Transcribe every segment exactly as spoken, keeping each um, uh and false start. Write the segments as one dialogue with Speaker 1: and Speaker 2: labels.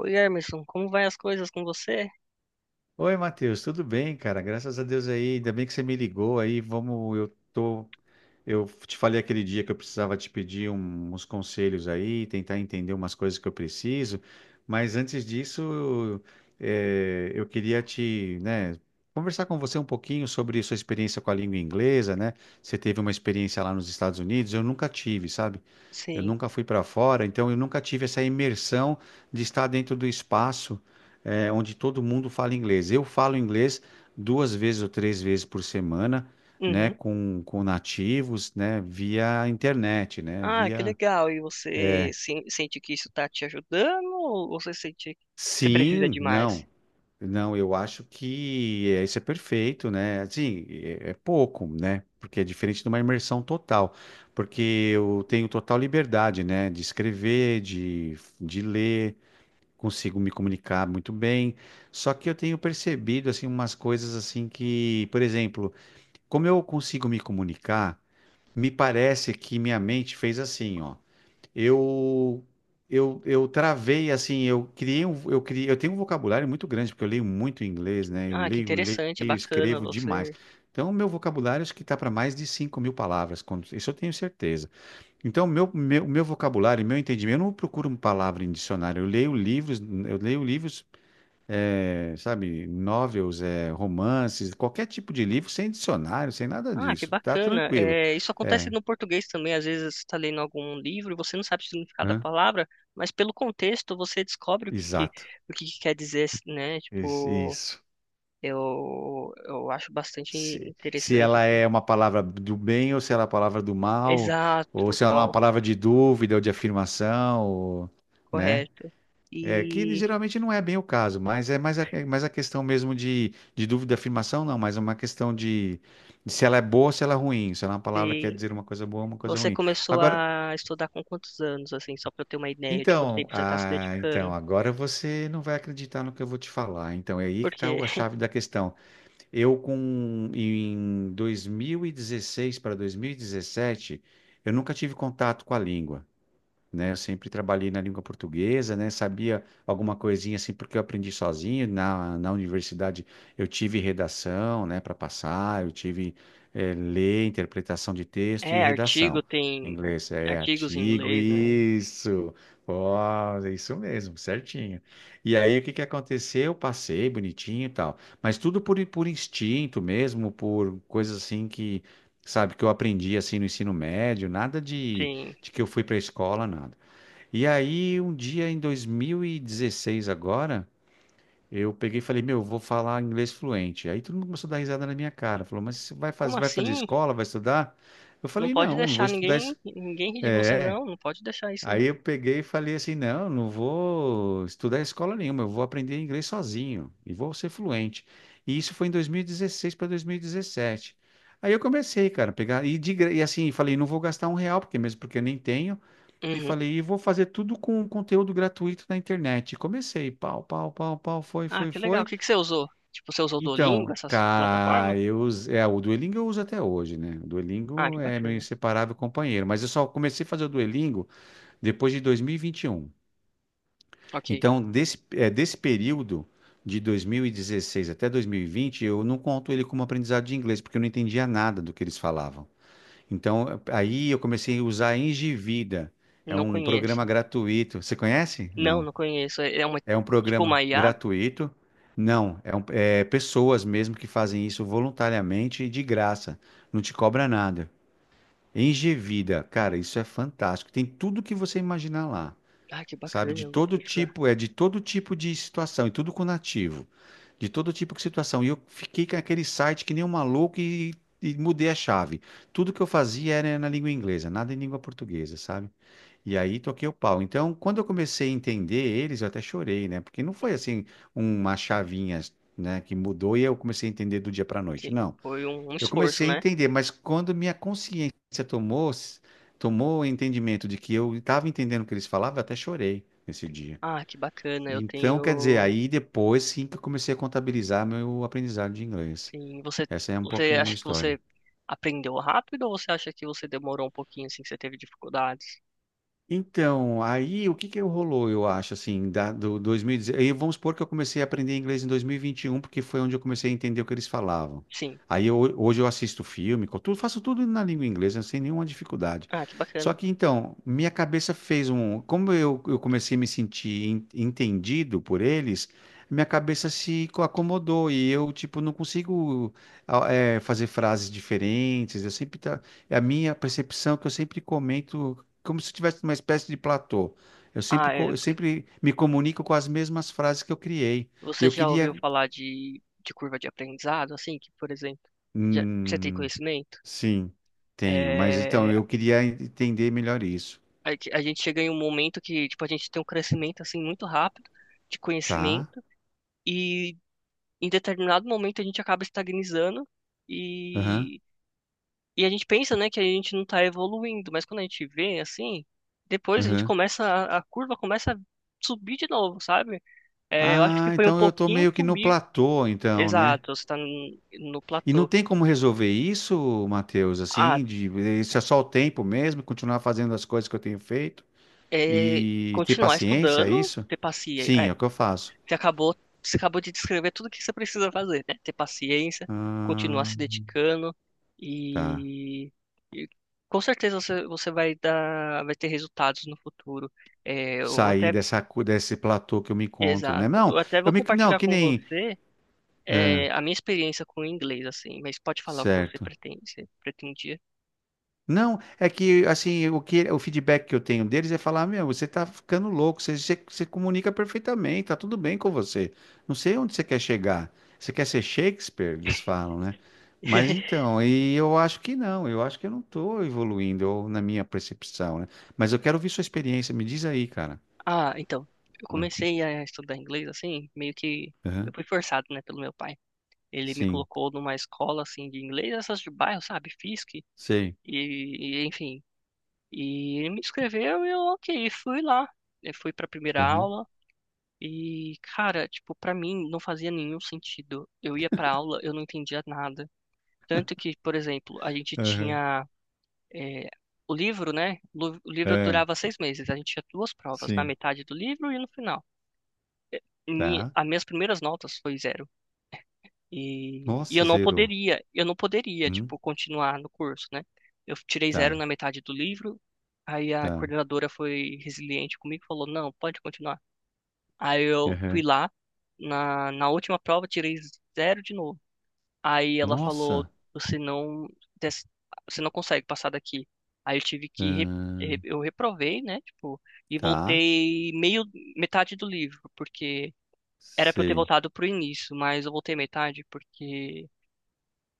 Speaker 1: Oi, Emerson, como vai as coisas com você?
Speaker 2: Oi, Matheus, tudo bem, cara? Graças a Deus aí, ainda bem que você me ligou aí. Vamos, eu tô, eu te falei aquele dia que eu precisava te pedir um- uns conselhos aí, tentar entender umas coisas que eu preciso. Mas antes disso, eh, eu queria te, né, conversar com você um pouquinho sobre sua experiência com a língua inglesa, né? Você teve uma experiência lá nos Estados Unidos, eu nunca tive, sabe? Eu
Speaker 1: Sim.
Speaker 2: nunca fui para fora, então eu nunca tive essa imersão de estar dentro do espaço, eh, onde todo mundo fala inglês. Eu falo inglês duas vezes ou três vezes por semana, né,
Speaker 1: Uhum.
Speaker 2: com, com nativos, né, via internet, né,
Speaker 1: Ah, que
Speaker 2: via...
Speaker 1: legal. E você sen- sente que isso está te ajudando ou você sente que você precisa
Speaker 2: Sim,
Speaker 1: de mais?
Speaker 2: não, não, eu acho que eh, isso é perfeito, né, assim, é, é pouco, né, porque é diferente de uma imersão total, porque eu tenho total liberdade, né, de escrever, de, de ler, consigo me comunicar muito bem. Só que eu tenho percebido assim umas coisas assim que, por exemplo, como eu consigo me comunicar, me parece que minha mente fez assim, ó. Eu eu, eu travei assim, eu criei um, eu criei, eu tenho um vocabulário muito grande porque eu leio muito inglês, né? Eu
Speaker 1: Ah, que
Speaker 2: leio, leio,
Speaker 1: interessante, bacana
Speaker 2: escrevo demais.
Speaker 1: você.
Speaker 2: Então, o meu vocabulário acho que está para mais de cinco mil palavras, quando- isso eu tenho certeza. Então, meu, meu, meu vocabulário, meu entendimento, eu não procuro uma palavra em dicionário. Eu leio livros, eu leio livros, eh, sabe, novels, eh, romances, qualquer tipo de livro, sem dicionário, sem nada
Speaker 1: Ah, que
Speaker 2: disso. Tá
Speaker 1: bacana.
Speaker 2: tranquilo.
Speaker 1: É, isso acontece
Speaker 2: É,
Speaker 1: no português também. Às vezes você está lendo algum livro e você não sabe o significado da
Speaker 2: hã?
Speaker 1: palavra, mas pelo contexto você descobre o que, que-
Speaker 2: Exato.
Speaker 1: o que que quer dizer, né?
Speaker 2: Isso.
Speaker 1: Tipo,
Speaker 2: Isso.
Speaker 1: eu, eu acho bastante
Speaker 2: Se, se
Speaker 1: interessante.
Speaker 2: ela
Speaker 1: Assim.
Speaker 2: é uma palavra do bem ou se ela é uma palavra do mal, ou
Speaker 1: Exato,
Speaker 2: se ela é uma
Speaker 1: qual.
Speaker 2: palavra de dúvida ou de afirmação, ou, né?
Speaker 1: Correto.
Speaker 2: É, que
Speaker 1: E
Speaker 2: geralmente não é bem o caso, mas é mais a, é mais a questão mesmo de, de dúvida afirmação, não, mas é uma questão de, de se ela é boa ou se ela é ruim, se ela é uma palavra que quer
Speaker 1: sim,
Speaker 2: dizer uma coisa boa ou uma coisa
Speaker 1: você
Speaker 2: ruim.
Speaker 1: começou
Speaker 2: Agora,
Speaker 1: a estudar com quantos anos, assim, só para eu ter uma ideia de quanto
Speaker 2: então,
Speaker 1: tempo você está se
Speaker 2: ah, então,
Speaker 1: dedicando?
Speaker 2: agora você não vai acreditar no que eu vou te falar. Então, é aí que está
Speaker 1: Porque
Speaker 2: a chave da questão. Eu, com, em dois mil e dezesseis para dois mil e dezessete, eu nunca tive contato com a língua. Né? Eu sempre trabalhei na língua portuguesa, né? Sabia alguma coisinha assim porque eu aprendi sozinho. Na, na universidade eu tive redação, né, para passar, eu tive eh, ler, interpretação de texto e
Speaker 1: é
Speaker 2: redação.
Speaker 1: artigo,
Speaker 2: Em
Speaker 1: tem ar-
Speaker 2: inglês é
Speaker 1: artigos em
Speaker 2: artigo,
Speaker 1: inglês, né?
Speaker 2: isso. Ó, é isso mesmo, certinho. E aí o que que aconteceu? Eu passei bonitinho e tal, mas tudo por, por instinto mesmo, por coisas assim que, sabe, que eu aprendi assim no ensino médio, nada de
Speaker 1: Sim.
Speaker 2: de que eu fui para a escola, nada. E aí, um dia em dois mil e dezesseis agora, eu peguei e falei, meu, eu vou falar inglês fluente. Aí todo mundo começou a dar risada na minha cara. Falou, mas você vai
Speaker 1: Como
Speaker 2: fazer, vai fazer
Speaker 1: assim?
Speaker 2: escola, vai estudar? Eu
Speaker 1: Não
Speaker 2: falei,
Speaker 1: pode
Speaker 2: não, não vou
Speaker 1: deixar
Speaker 2: estudar.
Speaker 1: ninguém,
Speaker 2: es-
Speaker 1: ninguém rir de você,
Speaker 2: É.
Speaker 1: não. Não pode deixar isso,
Speaker 2: Aí
Speaker 1: não.
Speaker 2: eu peguei e falei assim, não, não vou estudar em escola nenhuma, eu vou aprender inglês sozinho e vou ser fluente. E isso foi em dois mil e dezesseis para dois mil e dezessete. Aí eu comecei, cara, a pegar e, de gra- e assim, falei, não vou gastar um real, porque mesmo porque eu nem tenho, e
Speaker 1: Uhum.
Speaker 2: falei, e vou fazer tudo com conteúdo gratuito na internet. E comecei, pau, pau, pau, pau, foi,
Speaker 1: Ah,
Speaker 2: foi,
Speaker 1: que legal. O
Speaker 2: foi.
Speaker 1: que que você usou? Tipo, você usou o Duolingo,
Speaker 2: Então,
Speaker 1: essas plataformas?
Speaker 2: cara, eu, us- é, o Duolingo eu uso até hoje, né? O
Speaker 1: Ah,
Speaker 2: Duolingo
Speaker 1: que
Speaker 2: é meu
Speaker 1: bacana.
Speaker 2: inseparável companheiro, mas eu só comecei a fazer o Duolingo depois de dois mil e vinte e um.
Speaker 1: Ok.
Speaker 2: Então, desse, é, desse período de dois mil e dezesseis até dois mil e vinte, eu não conto ele como aprendizado de inglês, porque eu não entendia nada do que eles falavam. Então, aí eu comecei a usar a Engivida. É
Speaker 1: Não
Speaker 2: um
Speaker 1: conheço.
Speaker 2: programa gratuito. Você conhece?
Speaker 1: Não,
Speaker 2: Não.
Speaker 1: não conheço. É é uma,
Speaker 2: É um
Speaker 1: tipo
Speaker 2: programa
Speaker 1: uma IA?
Speaker 2: gratuito. Não, é, um- é pessoas mesmo que fazem isso voluntariamente e de graça. Não te cobra nada. Engevida, cara, isso é fantástico. Tem tudo que você imaginar lá,
Speaker 1: Ah, que
Speaker 2: sabe?
Speaker 1: bacana.
Speaker 2: De
Speaker 1: Eu vou
Speaker 2: todo
Speaker 1: procurar.
Speaker 2: tipo, é de todo tipo de situação e tudo com nativo. De todo tipo de situação. E eu fiquei com aquele site que nem um maluco e, e mudei a chave. Tudo que eu fazia era na língua inglesa, nada em língua portuguesa, sabe? E aí toquei o pau. Então, quando eu comecei a entender eles, eu até chorei, né? Porque não foi assim uma chavinha, né, que mudou e eu comecei a entender do dia para noite.
Speaker 1: Sim,
Speaker 2: Não.
Speaker 1: foi um, um
Speaker 2: Eu
Speaker 1: esforço,
Speaker 2: comecei a
Speaker 1: né?
Speaker 2: entender, mas quando minha consciência tomou tomou o entendimento de que eu estava entendendo o que eles falavam, eu até chorei nesse dia.
Speaker 1: Ah, que bacana, eu
Speaker 2: Então, quer dizer,
Speaker 1: tenho.
Speaker 2: aí depois sim que eu comecei a contabilizar meu aprendizado de inglês.
Speaker 1: Sim, você,
Speaker 2: Essa é um
Speaker 1: você
Speaker 2: pouco da
Speaker 1: acha
Speaker 2: minha
Speaker 1: que
Speaker 2: história.
Speaker 1: você aprendeu rápido ou você acha que você demorou um pouquinho, assim, que você teve dificuldades?
Speaker 2: Então, aí o que que rolou, eu acho, assim, da, do dois mil e dez, aí vamos supor que eu comecei a aprender inglês em dois mil e vinte e um, porque foi onde eu comecei a entender o que eles falavam.
Speaker 1: Sim.
Speaker 2: Aí eu- hoje eu assisto filme, co- tudo, faço tudo na língua inglesa, sem nenhuma dificuldade.
Speaker 1: Ah, que
Speaker 2: Só
Speaker 1: bacana.
Speaker 2: que então, minha cabeça fez um, como eu, eu comecei a me sentir en- entendido por eles, minha cabeça se co- acomodou e eu, tipo, não consigo ah, eh, fazer frases diferentes, eu sempre, tá, é a minha percepção que eu sempre comento como se eu tivesse uma espécie de platô. Eu sempre,
Speaker 1: Ah,
Speaker 2: co-
Speaker 1: é,
Speaker 2: eu sempre me comunico com as mesmas frases que eu criei.
Speaker 1: você
Speaker 2: Eu
Speaker 1: já
Speaker 2: queria.
Speaker 1: ouviu falar de, de curva de aprendizado, assim, que, por exemplo, já, você tem
Speaker 2: Hum,
Speaker 1: conhecimento?
Speaker 2: sim, tenho, mas então
Speaker 1: É,
Speaker 2: eu queria entender melhor isso,
Speaker 1: a, gente a gente chega em um momento que, tipo, a gente tem um crescimento, assim, muito rápido de
Speaker 2: tá?
Speaker 1: conhecimento e em determinado momento a gente acaba estagnizando
Speaker 2: Aham,
Speaker 1: e E a gente pensa, né, que a gente não tá evoluindo, mas quando a gente vê assim, depois a gente
Speaker 2: aham.
Speaker 1: começa, a, a curva começa a subir de novo, sabe? É, eu acho que
Speaker 2: Ah,
Speaker 1: foi um
Speaker 2: então eu tô
Speaker 1: pouquinho
Speaker 2: meio que no
Speaker 1: comigo.
Speaker 2: platô, então, né?
Speaker 1: Exato, você tá no, no
Speaker 2: E não
Speaker 1: platô.
Speaker 2: tem como resolver isso, Matheus,
Speaker 1: Ah,
Speaker 2: assim, de, isso é só o tempo mesmo, continuar fazendo as coisas que eu tenho feito
Speaker 1: é,
Speaker 2: e ter
Speaker 1: continuar
Speaker 2: paciência, é
Speaker 1: estudando,
Speaker 2: isso?
Speaker 1: ter paciência.
Speaker 2: Sim, é
Speaker 1: É,
Speaker 2: o que eu faço.
Speaker 1: você acabou, você acabou de descrever tudo que você precisa fazer, né? Ter paciência, continuar
Speaker 2: Ah,
Speaker 1: se dedicando
Speaker 2: tá.
Speaker 1: e, e com certeza você, você vai dar, vai ter resultados no futuro. É, eu
Speaker 2: Sair
Speaker 1: até
Speaker 2: dessa, cu- desse platô que eu me encontro, né?
Speaker 1: exato.
Speaker 2: Não,
Speaker 1: Eu até vou
Speaker 2: eu me, não,
Speaker 1: compartilhar
Speaker 2: que
Speaker 1: com
Speaker 2: nem,
Speaker 1: você
Speaker 2: ah,
Speaker 1: eh, a minha experiência com o inglês, assim, mas pode falar o que você
Speaker 2: certo.
Speaker 1: pretende, você pretendia.
Speaker 2: Não, é que assim, o que o feedback que eu tenho deles é falar, meu, você tá ficando louco, você, você, você comunica perfeitamente, tá tudo bem com você. Não sei onde você quer chegar. Você quer ser Shakespeare? Eles falam, né? Mas então, e eu acho que não, eu acho que eu não tô evoluindo ou na minha percepção, né? Mas eu quero ouvir sua experiência, me diz aí, cara.
Speaker 1: Ah, então, eu
Speaker 2: Ah,
Speaker 1: comecei a estudar inglês, assim, meio que eu
Speaker 2: aham.
Speaker 1: fui forçado, né, pelo meu pai. Ele me
Speaker 2: Sim,
Speaker 1: colocou numa escola, assim, de inglês, essas de bairro, sabe, Fisk, e,
Speaker 2: sei.
Speaker 1: e, enfim. E ele me inscreveu e eu, ok, fui lá. Eu fui pra primeira
Speaker 2: Aham,
Speaker 1: aula e, cara, tipo, pra mim não fazia nenhum sentido. Eu ia pra aula, eu não entendia nada. Tanto que, por exemplo, a gente
Speaker 2: aham,
Speaker 1: tinha eh, o livro, né? Lu- O livro
Speaker 2: é.
Speaker 1: durava seis meses. A gente tinha duas provas, na
Speaker 2: Sim,
Speaker 1: metade do livro e no final. Mi-
Speaker 2: tá.
Speaker 1: as minhas primeiras notas foi zero. E, e eu
Speaker 2: Nossa,
Speaker 1: não
Speaker 2: zerou.
Speaker 1: poderia, eu não poderia,
Speaker 2: Hum,
Speaker 1: tipo, continuar no curso, né? Eu tirei zero
Speaker 2: tá,
Speaker 1: na metade do livro. Aí a
Speaker 2: tá.
Speaker 1: coordenadora foi resiliente comigo e falou, não, pode continuar. Aí eu fui
Speaker 2: Uhum.
Speaker 1: lá, na, na última prova, tirei zero de novo. Aí ela falou,
Speaker 2: Nossa.
Speaker 1: você não, des- você não consegue passar daqui. Aí eu tive que, re-
Speaker 2: Ahn,
Speaker 1: re- eu reprovei, né, tipo, e
Speaker 2: tá.
Speaker 1: voltei meio, metade do livro, porque era pra eu ter
Speaker 2: Sei.
Speaker 1: voltado pro início, mas eu voltei metade porque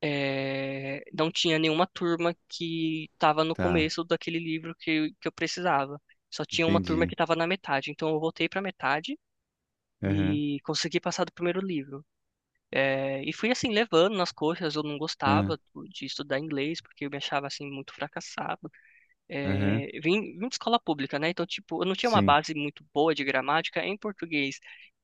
Speaker 1: é, não tinha nenhuma turma que tava no
Speaker 2: Tá.
Speaker 1: começo daquele livro que, eu- que eu precisava. Só tinha uma turma
Speaker 2: Entendi.
Speaker 1: que tava na metade, então eu voltei pra metade
Speaker 2: Uhum,
Speaker 1: e consegui passar do primeiro livro. É, e fui assim, levando nas coxas, eu não
Speaker 2: uhum,
Speaker 1: gostava de estudar inglês, porque eu me achava assim muito fracassado.
Speaker 2: uhum.
Speaker 1: É, vim, vim de escola pública, né? Então, tipo, eu não tinha uma
Speaker 2: Sim.
Speaker 1: base muito boa de gramática em português.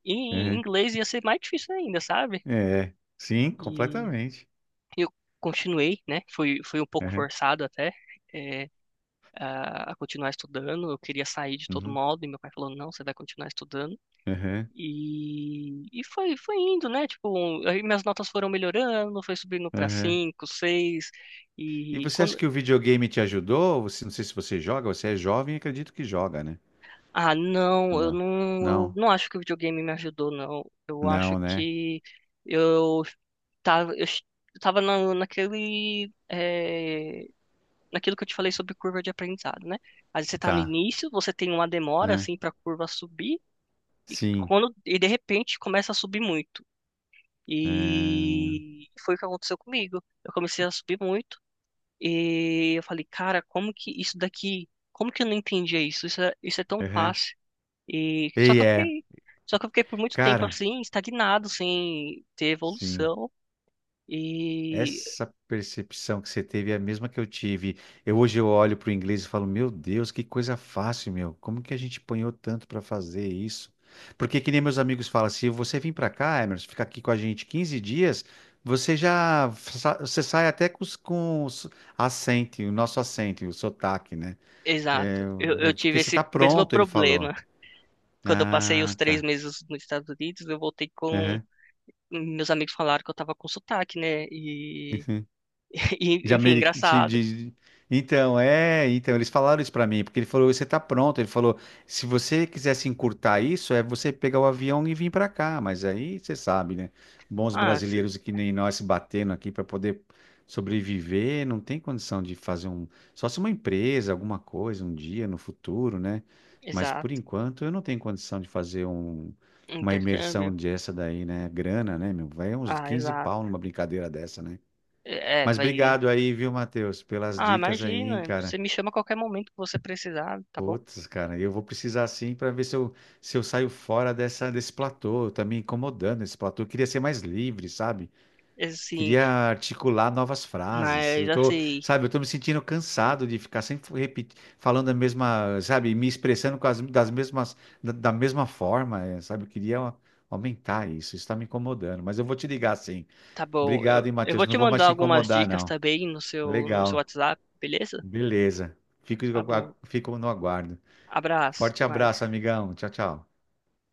Speaker 1: E em
Speaker 2: Uhum.
Speaker 1: inglês ia ser mais difícil ainda, sabe?
Speaker 2: É. Sim,
Speaker 1: E
Speaker 2: completamente.
Speaker 1: eu continuei, né? Fui, fui um pouco
Speaker 2: Uhum,
Speaker 1: forçado até. É, a a continuar estudando, eu queria sair de todo
Speaker 2: uhum,
Speaker 1: modo, e meu pai falou, não, você vai continuar estudando.
Speaker 2: uhum,
Speaker 1: E, e foi, foi indo, né? Tipo, um, aí minhas notas foram melhorando, foi subindo para
Speaker 2: uhum.
Speaker 1: cinco, seis.
Speaker 2: E
Speaker 1: E
Speaker 2: você acha
Speaker 1: quando.
Speaker 2: que o videogame te ajudou? Você, não sei se você joga, você é jovem, acredito que joga, né?
Speaker 1: Ah,
Speaker 2: Ou
Speaker 1: não, eu
Speaker 2: não?
Speaker 1: não, eu
Speaker 2: Não.
Speaker 1: não acho que o videogame me ajudou, não. Eu acho
Speaker 2: Não, né?
Speaker 1: que eu tava, eu ch- eu tava na, naquele, eh, naquilo que eu te falei sobre curva de aprendizado, né? Aí você tá no
Speaker 2: Tá.
Speaker 1: início, você tem uma demora,
Speaker 2: Ahn,
Speaker 1: assim, pra curva subir, e
Speaker 2: sim.
Speaker 1: quando, e de repente começa a subir muito.
Speaker 2: Ahn,
Speaker 1: E foi o que aconteceu comigo. Eu comecei a subir muito e eu falei, cara, como que isso daqui, como que eu não entendia isso? Isso é, isso é tão
Speaker 2: uhum.
Speaker 1: fácil. E só
Speaker 2: E
Speaker 1: que eu
Speaker 2: é.
Speaker 1: fiquei, só que eu fiquei por muito tempo
Speaker 2: Cara.
Speaker 1: assim, estagnado, sem ter
Speaker 2: Sim,
Speaker 1: evolução. E
Speaker 2: essa percepção que você teve é a mesma que eu tive. Eu hoje eu olho para o inglês e falo, meu Deus, que coisa fácil, meu. Como que a gente apanhou tanto para fazer isso? Porque que nem meus amigos falam, se você vir para cá, Emerson, ficar aqui com a gente quinze dias, você já sa- você sai até com, os- com os acento, o nosso acento, o sotaque, né?
Speaker 1: exato,
Speaker 2: É,
Speaker 1: eu,
Speaker 2: é
Speaker 1: eu
Speaker 2: porque
Speaker 1: tive
Speaker 2: você está
Speaker 1: esse mesmo
Speaker 2: pronto, ele falou.
Speaker 1: problema. Quando eu passei os
Speaker 2: Ah,
Speaker 1: três
Speaker 2: tá.
Speaker 1: meses nos Estados Unidos, eu voltei com
Speaker 2: Uhum.
Speaker 1: meus amigos falaram que eu tava com sotaque, né? E,
Speaker 2: De
Speaker 1: e enfim,
Speaker 2: Ameri... de...
Speaker 1: engraçado.
Speaker 2: de- Então, é, então, eles falaram isso pra mim, porque ele falou, você tá pronto. Ele falou, se você quisesse encurtar isso, é você pegar o avião e vir pra cá. Mas aí você sabe, né? Bons
Speaker 1: Ah, se-
Speaker 2: brasileiros que nem nós se batendo aqui pra poder sobreviver, não tem condição de fazer um. Só se uma empresa, alguma coisa, um dia no futuro, né? Mas por
Speaker 1: exato.
Speaker 2: enquanto eu não tenho condição de fazer um... uma
Speaker 1: Intercâmbio.
Speaker 2: imersão dessa daí, né? Grana, né, meu? Vai uns
Speaker 1: Ah,
Speaker 2: quinze pau
Speaker 1: exato.
Speaker 2: numa brincadeira dessa, né?
Speaker 1: É, é,
Speaker 2: Mas
Speaker 1: vai.
Speaker 2: obrigado aí, viu, Matheus, pelas
Speaker 1: Ah,
Speaker 2: dicas aí, hein,
Speaker 1: imagina. Você
Speaker 2: cara.
Speaker 1: me chama a qualquer momento que você precisar, tá bom?
Speaker 2: Putz, cara, eu vou precisar sim para ver se eu, se eu saio fora dessa, desse platô. Tá me incomodando esse platô. Eu queria ser mais livre, sabe?
Speaker 1: Assim,
Speaker 2: Queria articular novas frases.
Speaker 1: mas
Speaker 2: Eu tô,
Speaker 1: assim,
Speaker 2: sabe, eu tô me sentindo cansado de ficar sempre repetindo, falando a mesma, sabe, me expressando com as, das mesmas, da, da mesma forma, eh, sabe? Eu queria a- aumentar isso. Isso tá me incomodando. Mas eu vou te ligar sim.
Speaker 1: tá bom. Eu,
Speaker 2: Obrigado, hein,
Speaker 1: eu
Speaker 2: Matheus.
Speaker 1: vou
Speaker 2: Não
Speaker 1: te
Speaker 2: vou mais
Speaker 1: mandar
Speaker 2: te
Speaker 1: algumas
Speaker 2: incomodar,
Speaker 1: dicas
Speaker 2: não.
Speaker 1: também no seu, no seu
Speaker 2: Legal.
Speaker 1: WhatsApp, beleza?
Speaker 2: Beleza. Fico,
Speaker 1: Tá bom.
Speaker 2: fico no aguardo.
Speaker 1: Abraço,
Speaker 2: Forte
Speaker 1: até mais.
Speaker 2: abraço, amigão. Tchau, tchau.